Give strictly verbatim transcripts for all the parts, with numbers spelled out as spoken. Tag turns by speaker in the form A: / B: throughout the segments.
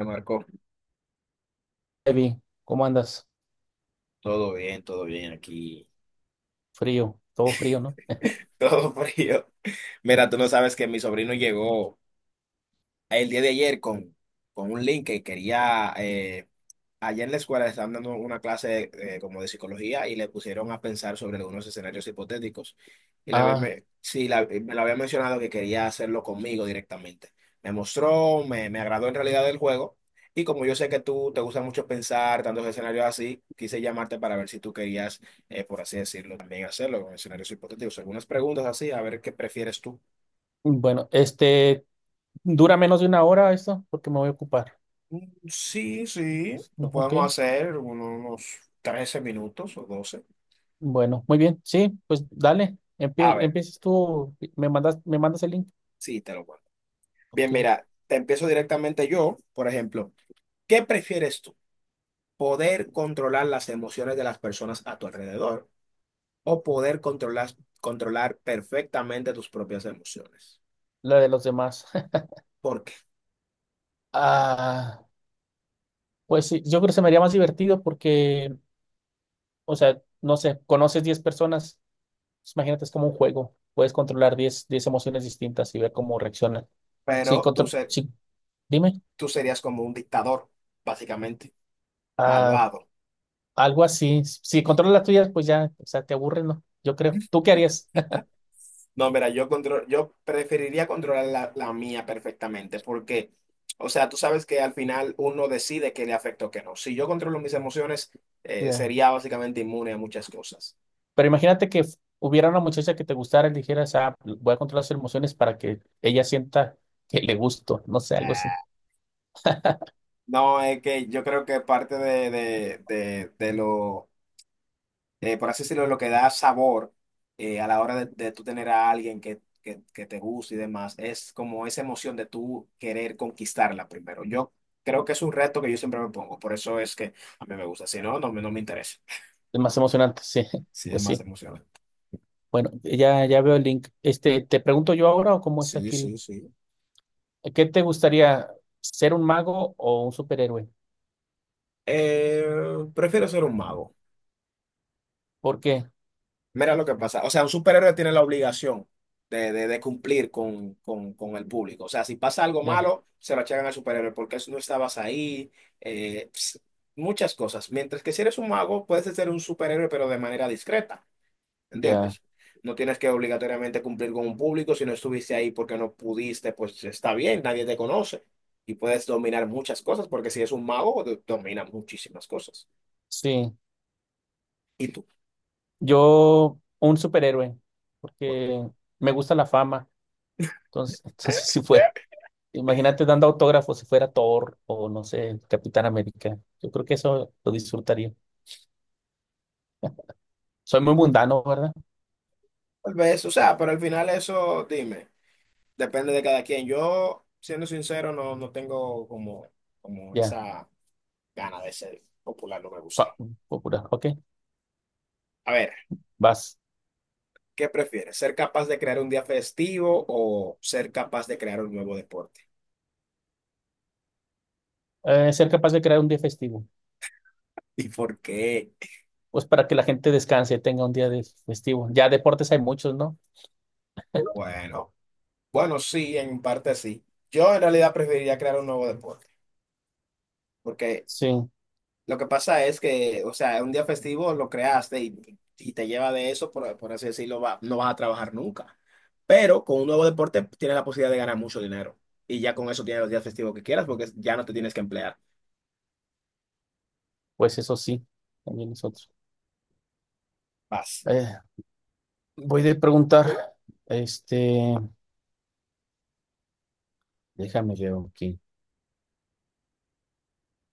A: Le marcó.
B: Evi, ¿cómo andas?
A: Todo bien, todo bien aquí.
B: Frío, todo frío, ¿no?
A: Todo frío. Mira, tú no sabes que mi sobrino llegó el día de ayer con, con un link que quería, eh, allá en la escuela le estaban dando una clase eh, como de psicología y le pusieron a pensar sobre algunos escenarios hipotéticos. Y la había
B: Ah,
A: me, sí, la- eh, me lo había mencionado que quería hacerlo conmigo directamente. Me mostró, me, me agradó en realidad el juego. Y como yo sé que tú te gusta mucho pensar tantos escenarios así, quise llamarte para ver si tú querías, eh, por así decirlo, también hacerlo con escenarios hipotéticos. Algunas preguntas así, a ver qué prefieres tú.
B: bueno, este, ¿dura menos de una hora esto? Porque me voy a ocupar.
A: Sí, sí, lo
B: No, ok,
A: podemos hacer uno- unos trece minutos o doce.
B: bueno, muy bien, sí, pues dale,
A: A
B: empie-
A: ver,
B: empieces tú, me mandas, me mandas el link.
A: sí, te lo cuento. Bien,
B: Ok,
A: mira, te empiezo directamente yo, por ejemplo, ¿qué prefieres tú? ¿Poder controlar las emociones de las personas a tu alrededor o poder controlar, controlar perfectamente tus propias emociones?
B: la de los demás.
A: ¿Por qué?
B: Ah, pues sí, yo creo que se me haría más divertido porque, o sea, no sé, conoces diez personas, pues imagínate, es como un juego, puedes controlar diez, diez emociones distintas y ver cómo reaccionan. Sí,
A: Pero tú,
B: contro-
A: ser-
B: sí, dime.
A: Tú serías como un dictador, básicamente,
B: Ah,
A: malvado.
B: algo así. Si controlas las tuyas, pues ya, o sea, te aburres, ¿no? Yo creo. ¿Tú qué harías?
A: No, mira, yo control, yo preferiría controlar la, la mía perfectamente, porque, o sea, tú sabes que al final uno decide qué le afecta o qué no. Si yo controlo mis emociones, eh,
B: Ya.
A: sería básicamente inmune a muchas cosas.
B: Pero imagínate que f- hubiera una muchacha que te gustara y le dijeras, ah, voy a controlar sus emociones para que ella sienta que le gusto, no sé, algo así.
A: Ah, no, es que yo creo que parte de, de, de, de lo eh, por así decirlo, lo que da sabor eh, a la hora de, de tú tener a alguien que, que, que te guste y demás, es como esa emoción de tú querer conquistarla primero. Yo creo que es un reto que yo siempre me pongo, por eso es que a mí me gusta, si no, no, me- no me interesa.
B: Es más emocionante, sí,
A: Sí, es
B: pues
A: más
B: sí.
A: emocionante.
B: Bueno, ya, ya veo el link. Este, ¿te pregunto yo ahora o cómo es
A: Sí,
B: aquí?
A: sí, sí.
B: el- ¿Qué te gustaría, ser un mago o un superhéroe?
A: Eh, prefiero ser un mago.
B: ¿Por qué?
A: Mira lo que pasa. O sea, un superhéroe tiene la obligación de, de- de cumplir con, con- con el público. O sea, si pasa algo
B: Ya,
A: malo, se lo achacan al superhéroe porque no estabas ahí. eh, ps, muchas cosas. Mientras que si eres un mago, puedes ser un superhéroe, pero de manera discreta.
B: ya,
A: ¿Entiendes? No tienes que obligatoriamente cumplir con un público. Si no estuviste ahí porque no pudiste, pues está bien, nadie te conoce. Y puedes dominar muchas cosas porque si es un mago, do- domina muchísimas cosas.
B: sí.
A: ¿Y tú?
B: Yo, un superhéroe,
A: ¿Por qué?
B: porque me gusta la fama. Entonces, entonces
A: Eh,
B: sí fue. Imagínate dando autógrafos si fuera Thor o no sé, Capitán América. Yo creo que eso lo disfrutaría. Soy muy mundano, ¿verdad?
A: Tal vez, o sea, pero al final eso, dime. Depende de cada quien. Yo, siendo sincero, no, no tengo como, como
B: Ya,
A: esa gana de ser popular, no me gusta.
B: fa- popular. Ok,
A: A ver,
B: vas.
A: ¿qué prefieres? ¿Ser capaz de crear un día festivo o ser capaz de crear un nuevo deporte?
B: Eh, ser capaz de crear un día festivo.
A: ¿Y por qué?
B: Pues para que la gente descanse, tenga un día de festivo. Ya deportes hay muchos, ¿no?
A: Bueno, bueno, sí, en parte sí. Yo en realidad preferiría crear un nuevo deporte, porque
B: Sí,
A: lo que pasa es que, o sea, un día festivo lo creaste y, y te lleva de eso, por, por así decirlo, va- no vas a trabajar nunca. Pero con un nuevo deporte tienes la posibilidad de ganar mucho dinero. Y ya con eso tienes los días festivos que quieras porque ya no te tienes que emplear.
B: pues eso sí, también nosotros.
A: Paz.
B: Eh, voy a preguntar, este, déjame ver aquí.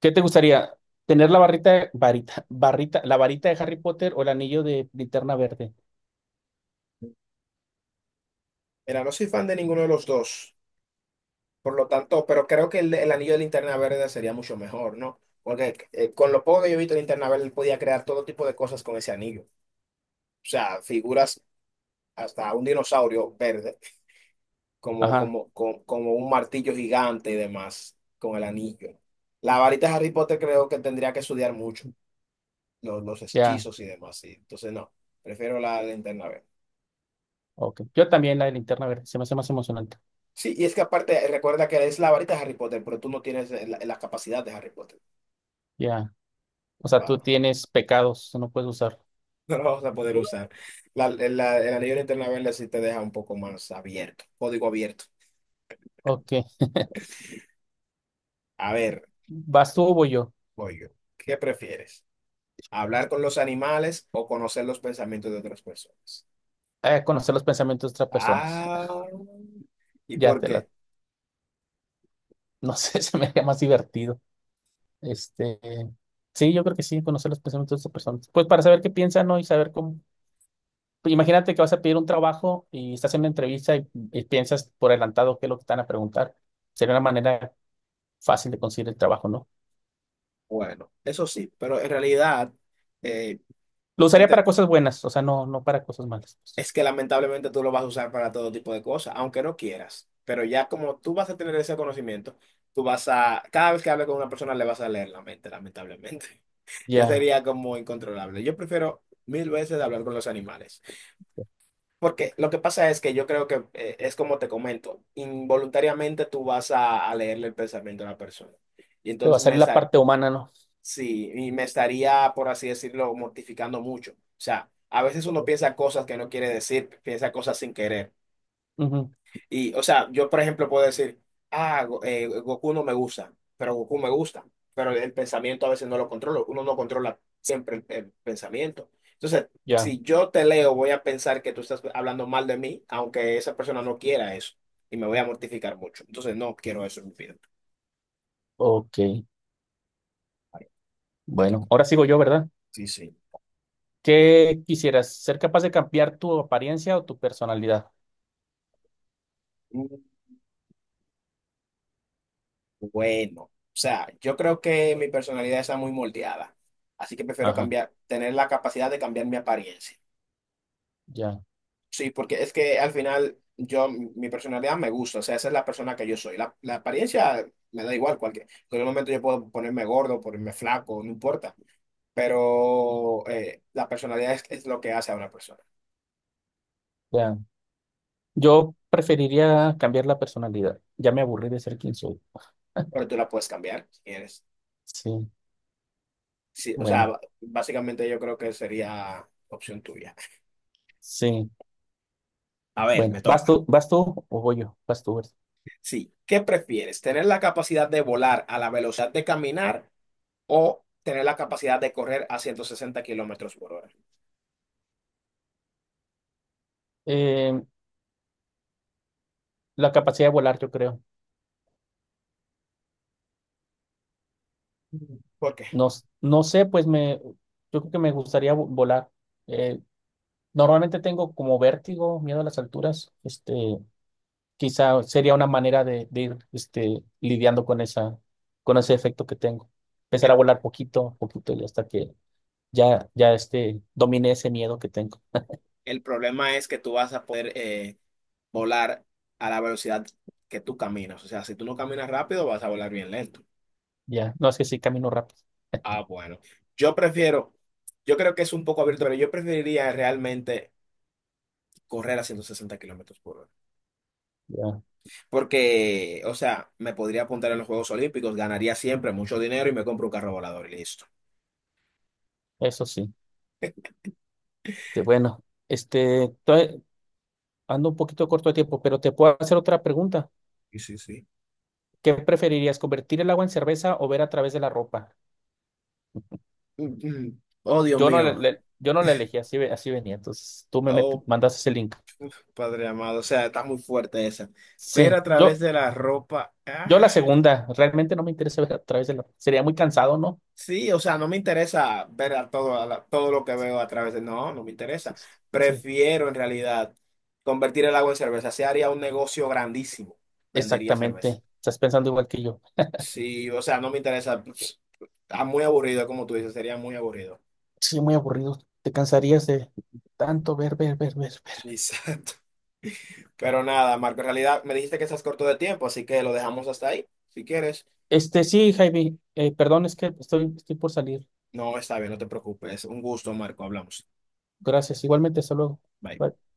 B: ¿Qué te gustaría? ¿Tener la barrita, de- varita, barrita, la varita de Harry Potter o el anillo de linterna verde?
A: Mira, no soy fan de ninguno de los dos. Por lo tanto, pero creo que el, el anillo de linterna verde sería mucho mejor, ¿no? Porque eh, con lo poco que yo he visto de linterna verde, él podía crear todo tipo de cosas con ese anillo. O sea, figuras, hasta un dinosaurio verde como,
B: Ajá,
A: como, co- como un martillo gigante y demás, con el anillo. La varita de Harry Potter creo que tendría que estudiar mucho, los, los
B: ya,
A: hechizos y demás, sí. Entonces no, prefiero la linterna verde.
B: ok. Yo también la de linterna verde, se me hace más emocionante.
A: Sí, y es que aparte, recuerda que es la varita de Harry Potter, pero tú no tienes la, la capacidad de Harry Potter.
B: Ya, o sea, tú
A: Wow,
B: tienes pecados, no puedes usar.
A: no lo vas a poder usar. La, la- el anillo de linterna verde sí te deja un poco más abierto, código abierto.
B: Ok,
A: A ver,
B: ¿vas tú o voy yo?
A: voy yo. ¿Qué prefieres? ¿Hablar con los animales o conocer los pensamientos de otras personas?
B: A conocer los pensamientos de otras personas.
A: Ah, ¿y
B: Ya
A: por
B: te la,
A: qué?
B: no sé, se me haría más divertido. Este, sí, yo creo que sí, conocer los pensamientos de otras personas. Pues para saber qué piensan, ¿no? Y saber cómo. Imagínate que vas a pedir un trabajo y estás en una entrevista y, y piensas por adelantado qué es lo que te van a preguntar. Sería una manera fácil de conseguir el trabajo, ¿no?
A: Bueno, eso sí, pero en realidad eh,
B: Lo
A: que
B: usaría
A: te-
B: para cosas buenas, o sea, no, no para cosas malas, pues.
A: es que lamentablemente tú lo vas a usar para todo tipo de cosas, aunque no quieras. Pero ya como tú vas a tener ese conocimiento, tú vas a, cada vez que hables con una persona le vas a leer la mente, lamentablemente. Ya
B: Ya,
A: sería como incontrolable. Yo prefiero mil veces hablar con los animales, porque lo que pasa es que yo creo que eh, es como te comento, involuntariamente tú vas a, a leerle el pensamiento a la persona. Y
B: te va a
A: entonces
B: salir
A: me,
B: la
A: sa-
B: parte humana, ¿no?
A: sí, y me estaría, por así decirlo, mortificando mucho. O sea, a veces uno piensa cosas que no quiere decir, piensa cosas sin querer.
B: Ujú,
A: Y, o sea, yo, por ejemplo, puedo decir, ah, Go- eh, Goku no me gusta, pero Goku me gusta. Pero el pensamiento a veces no lo controlo, uno no controla siempre el, el pensamiento. Entonces,
B: ya,
A: si yo te leo, voy a pensar que tú estás hablando mal de mí, aunque esa persona no quiera eso, y me voy a mortificar mucho. Entonces, no quiero eso en mi vida.
B: ok.
A: Te toca.
B: Bueno, ahora sigo yo, ¿verdad?
A: Sí, sí.
B: ¿Qué quisieras? ¿Ser capaz de cambiar tu apariencia o tu personalidad?
A: Bueno, o sea, yo creo que mi personalidad está muy moldeada, así que prefiero
B: Ajá,
A: cambiar, tener la capacidad de cambiar mi apariencia.
B: ya,
A: Sí, porque es que al final yo, mi personalidad me gusta, o sea, esa es la persona que yo soy. La, la apariencia me da igual, cualquier, en cualquier momento yo puedo ponerme gordo, ponerme flaco, no importa, pero eh, la personalidad es, es lo que hace a una persona,
B: ya. Yo preferiría cambiar la personalidad. Ya me aburrí de ser quien soy.
A: pero tú la puedes cambiar si quieres.
B: Sí,
A: Sí, o sea,
B: bueno,
A: b- básicamente yo creo que sería opción tuya.
B: sí.
A: A ver, me
B: Bueno, ¿vas
A: toca.
B: tú, vas tú o voy yo? Vas tú, ¿verdad?
A: Sí, ¿qué prefieres? ¿Tener la capacidad de volar a la velocidad de caminar o tener la capacidad de correr a ciento sesenta kilómetros por hora?
B: Eh, la capacidad de volar, yo creo.
A: ¿Por qué?
B: No, s- no sé, pues me, yo creo que me gustaría vo- volar. Eh, normalmente tengo como vértigo, miedo a las alturas. Este, quizá sería una manera de, de ir, este, lidiando con esa, con ese efecto que tengo. Empezar a
A: El,
B: volar poquito, a poquito y hasta que ya, ya este, domine ese miedo que tengo.
A: el problema es que tú vas a poder eh, volar a la velocidad que tú caminas. O sea, si tú no caminas rápido, vas a volar bien lento.
B: Ya, no es que sí camino rápido.
A: Ah, bueno. Yo prefiero, yo creo que es un poco abierto, pero yo preferiría realmente correr a ciento sesenta kilómetros por hora.
B: Ya,
A: Porque, o sea, me podría apuntar en los Juegos Olímpicos, ganaría siempre mucho dinero y me compro un carro volador y listo.
B: eso sí. Este, bueno, este, ando un poquito corto de tiempo, pero te puedo hacer otra pregunta.
A: Sí, sí, sí.
B: ¿Qué preferirías, convertir el agua en cerveza o ver a través de la ropa?
A: Mm, mm. Oh, Dios
B: Yo no, le-
A: mío.
B: le- yo no la elegí, así, ve- así venía. Entonces tú me met-
A: Oh,
B: mandaste ese link.
A: Padre amado. O sea, está muy fuerte esa. Ver
B: Sí,
A: a través
B: yo,
A: de la ropa.
B: yo la
A: Ah,
B: segunda. Realmente no me interesa ver a través de la ropa. Sería muy cansado, ¿no?
A: sí, o sea, no me interesa ver a todo, a la- todo lo que veo a través de. No, no me
B: Sí,
A: interesa.
B: sí, sí,
A: Prefiero en realidad convertir el agua en cerveza. Se haría un negocio grandísimo. Vendería cerveza.
B: exactamente. Estás pensando igual que yo.
A: Sí, o sea, no me interesa. Está muy aburrido, como tú dices, sería muy aburrido.
B: Sí, muy aburrido. Te cansarías de tanto ver, ver, ver, ver, ver.
A: Exacto. Pero nada, Marco, en realidad me dijiste que estás corto de tiempo, así que lo dejamos hasta ahí, si quieres.
B: Este, sí, Javi, eh, perdón, es que estoy, estoy por salir.
A: No, está bien, no te preocupes. Un gusto, Marco. Hablamos.
B: Gracias. Igualmente, hasta luego.
A: Bye.
B: Bye.